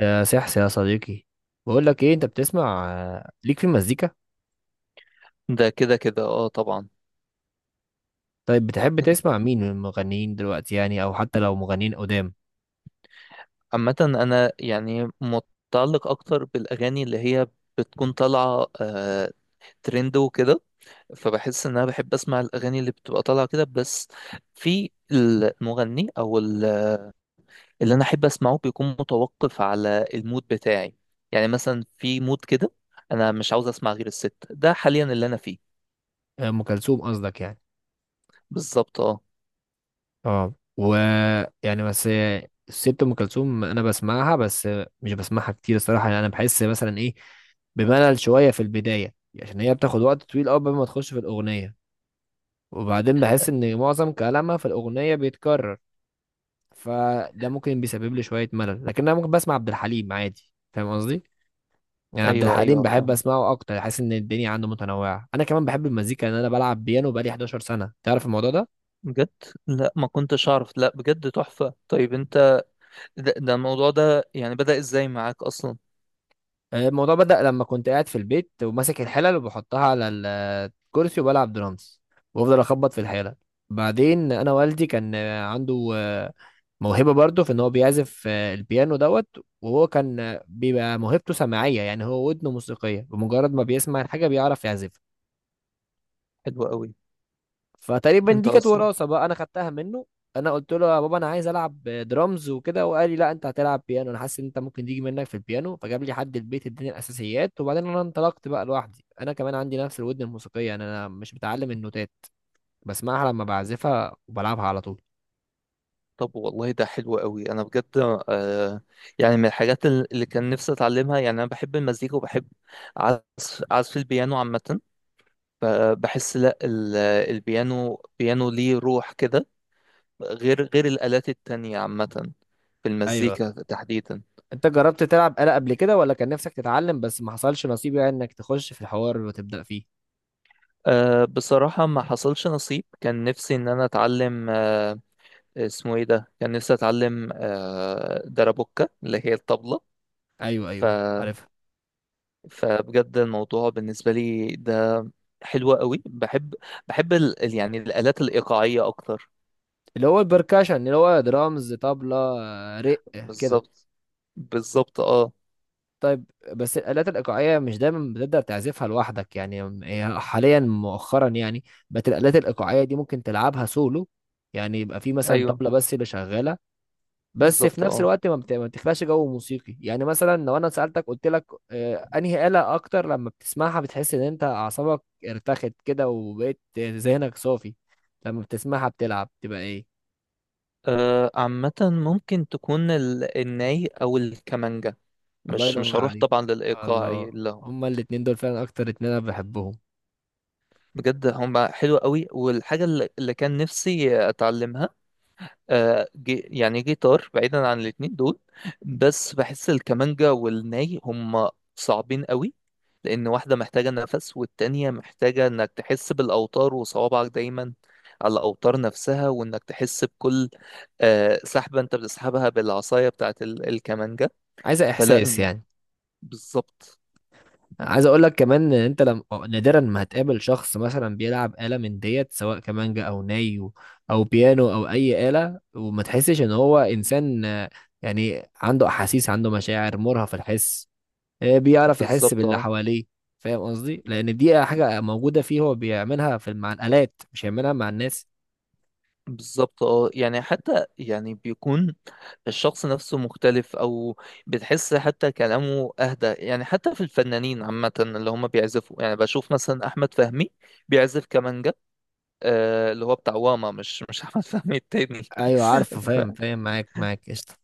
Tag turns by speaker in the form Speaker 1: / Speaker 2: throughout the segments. Speaker 1: يا سحس يا صديقي، بقول لك ايه؟ انت بتسمع ليك في المزيكا؟
Speaker 2: ده كده كده، اه طبعا.
Speaker 1: طيب بتحب تسمع مين من المغنيين دلوقتي يعني، او حتى لو مغنيين قدام؟
Speaker 2: عامة انا يعني متعلق اكتر بالاغاني اللي هي بتكون طالعة ترند وكده. فبحس ان انا بحب اسمع الاغاني اللي بتبقى طالعه كده بس. في المغني او اللي انا احب اسمعه بيكون متوقف على المود بتاعي. يعني مثلا في مود كده انا مش عاوز اسمع غير الست ده حاليا اللي انا فيه.
Speaker 1: ام كلثوم قصدك يعني.
Speaker 2: بالظبط اه.
Speaker 1: اه و يعني بس الست ام كلثوم انا بسمعها بس، مش بسمعها كتير الصراحه، يعني انا بحس مثلا ايه، بملل شويه في البدايه، عشان هي بتاخد وقت طويل قوي قبل ما تخش في الاغنيه، وبعدين بحس ان معظم كلامها في الاغنيه بيتكرر، فده ممكن بيسبب لي شويه ملل. لكن انا ممكن بسمع عبد الحليم عادي، فاهم قصدي؟ يعني عبد
Speaker 2: ايوه
Speaker 1: الحليم
Speaker 2: ايوه
Speaker 1: بحب
Speaker 2: فاهم
Speaker 1: اسمعه اكتر، حاسس ان الدنيا عنده متنوعه. انا كمان بحب المزيكا، ان انا بلعب بيانو بقالي 11 سنه، تعرف الموضوع ده؟
Speaker 2: بجد. لا ما كنتش اعرف، لا بجد تحفه. طيب انت ده الموضوع ده يعني بدأ ازاي معاك اصلا؟
Speaker 1: الموضوع بدأ لما كنت قاعد في البيت وماسك الحلل وبحطها على الكرسي وبلعب درامز، وافضل اخبط في الحلل. بعدين انا والدي كان عنده موهبه برضه في ان هو بيعزف البيانو دوت، وهو كان بيبقى موهبته سماعيه، يعني هو ودنه موسيقيه، بمجرد ما بيسمع الحاجه بيعرف يعزف.
Speaker 2: حلو قوي.
Speaker 1: فتقريبا
Speaker 2: انت
Speaker 1: دي كانت
Speaker 2: اصلا.
Speaker 1: وراثه بقى انا خدتها منه. انا قلت له يا بابا انا عايز العب درامز وكده، وقال لي لا، انت هتلعب بيانو، انا حاسس ان انت ممكن تيجي منك في البيانو. فجاب لي حد البيت، اداني الاساسيات، وبعدين انا انطلقت بقى لوحدي. انا كمان عندي نفس الودن الموسيقيه، يعني انا مش متعلم النوتات، بسمعها لما بعزفها وبلعبها على طول.
Speaker 2: طب والله ده حلو قوي انا بجد. آه، يعني من الحاجات اللي كان نفسي اتعلمها. يعني انا بحب المزيكا وبحب عزف البيانو عامة. بحس، لا، البيانو، ليه روح كده، غير الآلات التانية عامة في
Speaker 1: ايوه،
Speaker 2: المزيكا تحديدا.
Speaker 1: انت جربت تلعب آلة قبل كده ولا كان نفسك تتعلم بس ما حصلش نصيب، يعني انك تخش في الحوار وتبدأ فيه؟
Speaker 2: آه بصراحة ما حصلش نصيب. كان نفسي ان انا اتعلم، اسمه ايه ده، كان نفسي اتعلم دربوكة اللي هي الطبلة.
Speaker 1: ايوه
Speaker 2: ف...
Speaker 1: ايوه، عارفها.
Speaker 2: فبجد الموضوع بالنسبة لي ده حلو قوي. بحب يعني الآلات الإيقاعية أكتر.
Speaker 1: اللي هو البركاشن، اللي هو درامز، طبلة، رق، كده.
Speaker 2: بالظبط، بالظبط اه.
Speaker 1: طيب، بس الآلات الإيقاعية مش دايما بتقدر تعزفها لوحدك، يعني هي حاليا مؤخرا يعني بقت الآلات الإيقاعية دي ممكن تلعبها سولو، يعني يبقى في مثلا
Speaker 2: ايوه
Speaker 1: طبلة بس اللي شغالة. بس في
Speaker 2: بالظبط
Speaker 1: نفس
Speaker 2: اه.
Speaker 1: الوقت ما بتخلقش جو موسيقي. يعني مثلا لو أنا سألتك قلت لك أنهي آلة أكتر لما بتسمعها بتحس إن أنت أعصابك ارتخت كده، وبقيت ذهنك صافي، لما بتسمعها بتلعب تبقى إيه؟
Speaker 2: عامة ممكن تكون الناي أو الكمانجا.
Speaker 1: الله
Speaker 2: مش
Speaker 1: ينور
Speaker 2: هروح
Speaker 1: عليك.
Speaker 2: طبعا للإيقاعي،
Speaker 1: الله.
Speaker 2: لا.
Speaker 1: هما الاتنين دول فعلا أكتر اتنين أنا بحبهم.
Speaker 2: بجد هم حلو قوي. والحاجة اللي كان نفسي أتعلمها يعني جيتار، بعيدا عن الاتنين دول. بس بحس الكمانجا والناي هم صعبين قوي. لأن واحدة محتاجة نفس والتانية محتاجة إنك تحس بالأوتار وصوابعك دايما على الأوتار نفسها، وإنك تحس بكل سحبة أنت بتسحبها بالعصاية بتاعت الكمانجا.
Speaker 1: عايزة
Speaker 2: فلا
Speaker 1: إحساس
Speaker 2: الم...
Speaker 1: يعني.
Speaker 2: بالظبط،
Speaker 1: عايز اقول لك كمان ان انت لم... نادرا ما هتقابل شخص مثلا بيلعب آلة من ديت، سواء كمانجا او ناي او بيانو او اي آلة، وما تحسش ان هو انسان يعني عنده احاسيس، عنده مشاعر، مرهف في الحس، بيعرف يحس
Speaker 2: بالظبط
Speaker 1: باللي
Speaker 2: اه.
Speaker 1: حواليه. فاهم قصدي؟ لان دي حاجة موجودة فيه، هو بيعملها في مع الآلات، مش هيعملها مع الناس.
Speaker 2: بالظبط اه، يعني حتى يعني بيكون الشخص نفسه مختلف، او بتحس حتى كلامه اهدى. يعني حتى في الفنانين عامة اللي هم بيعزفوا، يعني بشوف مثلا احمد فهمي بيعزف كمانجا، اللي هو بتاع، واما مش احمد فهمي التاني.
Speaker 1: ايوه عارفه،
Speaker 2: ف-
Speaker 1: فاهم فاهم معاك معاك، قشطة.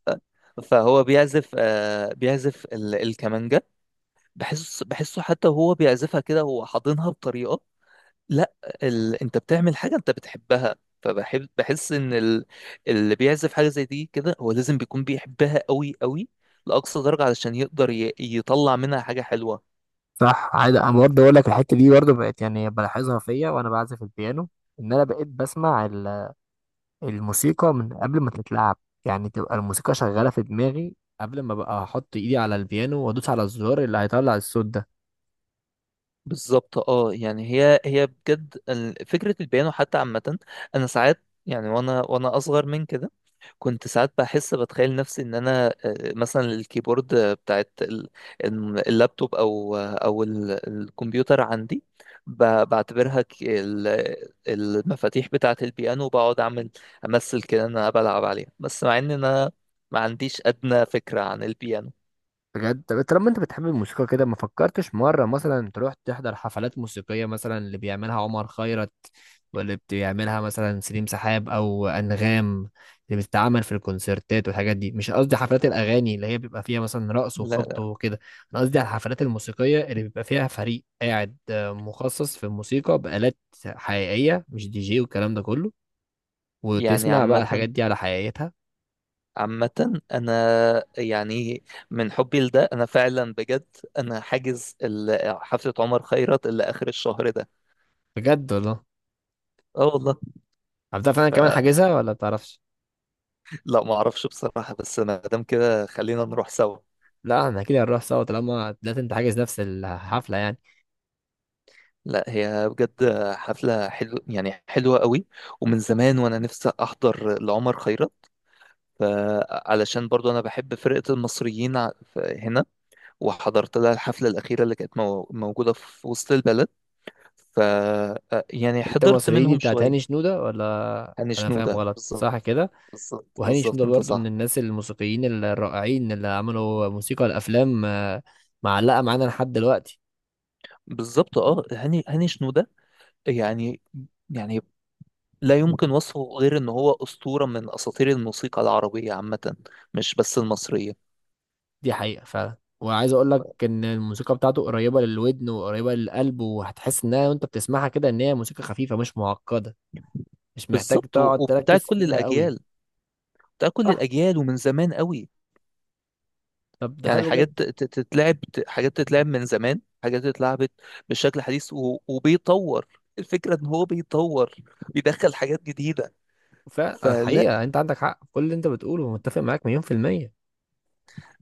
Speaker 2: فهو بيعزف، بيعزف الكمانجا. بحسه، حتى هو بيعزفها كده، هو حاضنها بطريقة، لا، انت بتعمل حاجه انت بتحبها. بحس ان اللي بيعزف حاجه زي دي كده هو لازم بيكون بيحبها قوي قوي لاقصى درجه، علشان يقدر يطلع منها حاجه حلوه.
Speaker 1: صح، عادي. انا برضه اقول لك الحته دي برضه بقت يعني بلاحظها فيا وانا بعزف البيانو، ان انا بقيت بسمع الموسيقى من قبل ما تتلعب، يعني تبقى الموسيقى شغالة في دماغي قبل ما بقى احط ايدي على البيانو وادوس على الزرار اللي هيطلع الصوت ده.
Speaker 2: بالظبط اه، يعني هي بجد فكرة البيانو حتى عامة، انا ساعات يعني وانا اصغر من كده كنت ساعات بحس بتخيل نفسي ان انا مثلا الكيبورد بتاعت اللابتوب او الكمبيوتر عندي، بعتبرها المفاتيح بتاعت البيانو، وبقعد امثل كده ان انا بلعب عليها، بس مع ان انا ما عنديش ادنى فكرة عن البيانو.
Speaker 1: بجد؟ طب طالما انت بتحب الموسيقى كده، ما فكرتش مرة مثلا تروح تحضر حفلات موسيقية، مثلا اللي بيعملها عمر خيرت، واللي بيعملها مثلا سليم سحاب، او انغام، اللي بتتعمل في الكونسرتات والحاجات دي؟ مش قصدي حفلات الاغاني اللي هي بيبقى فيها مثلا رقص وخبط
Speaker 2: لا
Speaker 1: وكده، انا قصدي على الحفلات الموسيقية اللي بيبقى فيها فريق قاعد مخصص في الموسيقى بآلات حقيقية، مش دي جي والكلام ده كله،
Speaker 2: يعني
Speaker 1: وتسمع بقى الحاجات
Speaker 2: عامة،
Speaker 1: دي على حقيقتها.
Speaker 2: أنا يعني من حبي لده أنا فعلا بجد أنا حاجز حفلة عمر خيرت اللي آخر الشهر ده.
Speaker 1: بجد والله؟
Speaker 2: أه والله.
Speaker 1: عارف فعلا
Speaker 2: ف...
Speaker 1: كمان، حاجزها ولا بتعرفش؟
Speaker 2: لا ما أعرفش بصراحة، بس ما دام كده خلينا نروح سوا.
Speaker 1: لا احنا كده هنروح سوا طالما لا، انت حاجز نفس الحفله يعني.
Speaker 2: لا هي بجد حفلة، يعني حلوة قوي، ومن زمان وأنا نفسي أحضر لعمر خيرت. ف- علشان برضو أنا بحب فرقة المصريين هنا، وحضرت لها الحفلة الأخيرة اللي كانت موجودة في وسط البلد. ف يعني
Speaker 1: انت
Speaker 2: حضرت
Speaker 1: مصريين دي
Speaker 2: منهم
Speaker 1: بتاعت هاني
Speaker 2: شوية.
Speaker 1: شنوده، ولا
Speaker 2: هاني
Speaker 1: انا فاهم
Speaker 2: شنودة
Speaker 1: غلط؟
Speaker 2: بالظبط.
Speaker 1: صح كده.
Speaker 2: بالظبط،
Speaker 1: وهاني شنوده
Speaker 2: بالظبط انت
Speaker 1: برضو من
Speaker 2: صح.
Speaker 1: الناس الموسيقيين الرائعين اللي عملوا موسيقى الافلام معلقه معانا لحد دلوقتي.
Speaker 2: بالظبط اه، هاني شنودة، يعني، يعني لا يمكن وصفه غير ان هو اسطورة من اساطير الموسيقى العربية عامة، مش بس المصرية.
Speaker 1: دي حقيقه فعلا. وعايز اقول لك ان الموسيقى بتاعته قريبه للودن وقريبه للقلب، وهتحس انها وانت بتسمعها كده ان هي موسيقى خفيفه مش معقده، مش محتاج
Speaker 2: بالظبط،
Speaker 1: تقعد تركز
Speaker 2: وبتاعت كل
Speaker 1: فيها قوي.
Speaker 2: الاجيال، بتاعت كل
Speaker 1: صح.
Speaker 2: الاجيال ومن زمان قوي.
Speaker 1: طب ده
Speaker 2: يعني
Speaker 1: حلو
Speaker 2: حاجات ت-
Speaker 1: جدا.
Speaker 2: ت- تتلعب ت- حاجات تتلعب من زمان، حاجات اتلعبت بشكل حديث وبيطور. الفكرة ان هو بيطور، بيدخل حاجات جديدة. فلا،
Speaker 1: فالحقيقة انت عندك حق في كل اللي انت بتقوله، متفق معاك مليون في المية.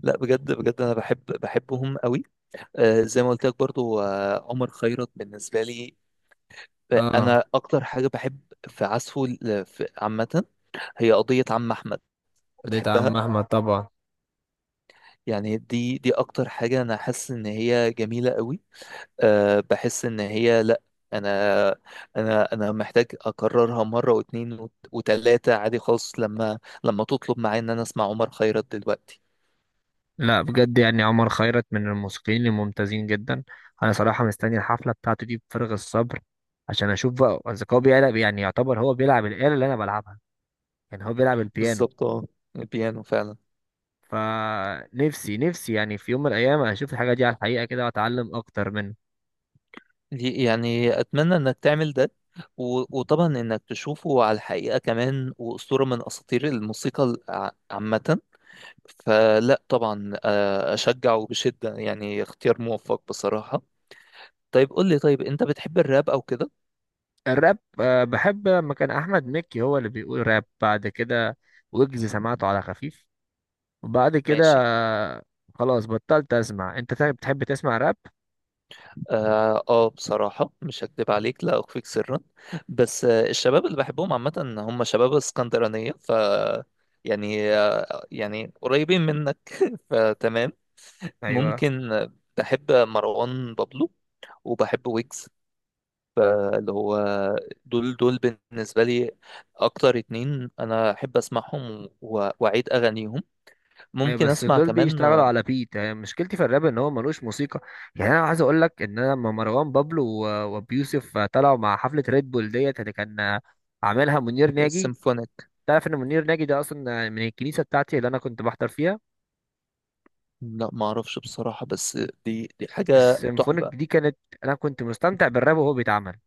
Speaker 2: لا بجد بجد انا بحبهم قوي. زي ما قلت لك برضو، عمر خيرت بالنسبة لي،
Speaker 1: اه،
Speaker 2: أنا أكتر حاجة بحب في عزفه عامة هي قضية عم أحمد.
Speaker 1: ديت
Speaker 2: بتحبها.
Speaker 1: عم احمد طبعا.
Speaker 2: يعني دي أكتر حاجة أنا حاسس إن هي جميلة قوي. أه بحس إن هي، لأ، أنا أنا أنا محتاج أكررها مرة واتنين وتلاتة عادي خالص، لما تطلب معايا إن أنا أسمع عمر خيرت دلوقتي.
Speaker 1: لا بجد، يعني عمر خيرت من الموسيقيين الممتازين جدا. انا صراحة مستني الحفلة بتاعته دي بفارغ الصبر، عشان اشوف بقى اذا هو بيلعب، يعني يعتبر هو بيلعب الآلة اللي انا بلعبها، يعني هو بيلعب البيانو.
Speaker 2: بالظبط اه، البيانو فعلا.
Speaker 1: فنفسي نفسي يعني في يوم من الايام اشوف الحاجة دي على الحقيقة كده، واتعلم اكتر منه.
Speaker 2: يعني اتمنى انك تعمل ده، وطبعا انك تشوفه على الحقيقه كمان، واسطوره من اساطير الموسيقى عامه. فلا طبعا، اشجعه بشده، يعني اختيار موفق بصراحه. طيب قول لي، طيب انت بتحب الراب او كده؟
Speaker 1: الراب بحب لما كان احمد مكي هو اللي بيقول راب، بعد كده ويجز، سمعته على خفيف، وبعد كده
Speaker 2: ماشي.
Speaker 1: خلاص بطلت اسمع. انت بتحب تسمع راب؟
Speaker 2: اه، بصراحه مش هكدب عليك، لا اخفيك سرا، بس الشباب اللي بحبهم عامه هم شباب اسكندرانيه. يعني، يعني قريبين منك فتمام.
Speaker 1: ايوه
Speaker 2: ممكن، بحب مروان بابلو وبحب ويجز، فاللي هو دول بالنسبة لي أكتر اتنين أنا أحب أسمعهم وأعيد أغانيهم،
Speaker 1: ايوه،
Speaker 2: ممكن
Speaker 1: بس
Speaker 2: أسمع
Speaker 1: دول
Speaker 2: كمان.
Speaker 1: بيشتغلوا على بيت، يعني مشكلتي في الراب ان هو ملوش موسيقى. يعني انا عايز اقول لك ان انا لما مروان بابلو وابيوسف طلعوا مع حفله ريد بول ديت اللي كان عاملها منير ناجي،
Speaker 2: سيمفونيك.
Speaker 1: تعرف ان منير ناجي ده اصلا من الكنيسه بتاعتي اللي انا كنت بحضر فيها؟
Speaker 2: لا معرفش بصراحة، بس دي حاجة
Speaker 1: السيمفونيك
Speaker 2: تحفة.
Speaker 1: دي كانت، انا كنت مستمتع بالراب وهو بيتعمل.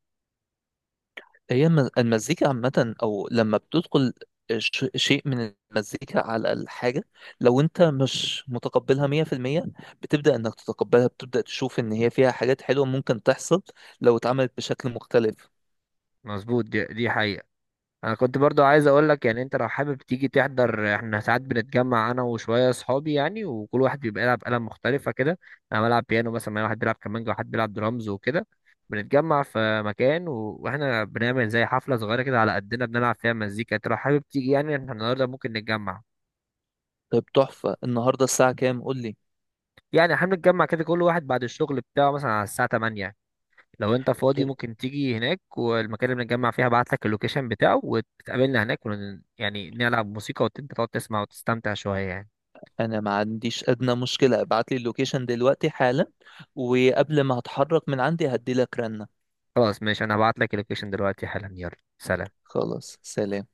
Speaker 2: هي المزيكا عامة، أو لما بتدخل شيء من المزيكا على الحاجة، لو أنت مش متقبلها 100%، بتبدأ إنك تتقبلها، بتبدأ تشوف إن هي فيها حاجات حلوة ممكن تحصل لو اتعملت بشكل مختلف.
Speaker 1: مظبوط، دي حقيقه. انا كنت برضو عايز اقول لك يعني، انت لو حابب تيجي تحضر، احنا ساعات بنتجمع انا وشويه اصحابي يعني، وكل واحد بيبقى يلعب آلة مختلفه كده. انا بلعب بيانو مثلا، واحد بيلعب كمانجا، وواحد بيلعب درامز وكده. بنتجمع في مكان واحنا بنعمل زي حفله صغيره كده على قدنا، بنلعب فيها مزيكا. انت لو حابب تيجي يعني، احنا النهارده ممكن نتجمع.
Speaker 2: طيب تحفة، النهاردة الساعة كام؟ قول لي.
Speaker 1: يعني احنا بنتجمع كده كل واحد بعد الشغل بتاعه، مثلا على الساعه 8، لو انت فاضي
Speaker 2: طيب
Speaker 1: ممكن تيجي هناك. والمكان اللي بنتجمع فيه هبعت لك اللوكيشن بتاعه، وتقابلنا هناك يعني نلعب موسيقى، وانت تقعد تسمع وتستمتع شوية يعني.
Speaker 2: أنا ما عنديش أدنى مشكلة، ابعت لي اللوكيشن دلوقتي حالا، وقبل ما هتحرك من عندي هدي لك رنة.
Speaker 1: خلاص ماشي، انا هبعت لك اللوكيشن دلوقتي حالا. يلا سلام.
Speaker 2: خلاص، سلام.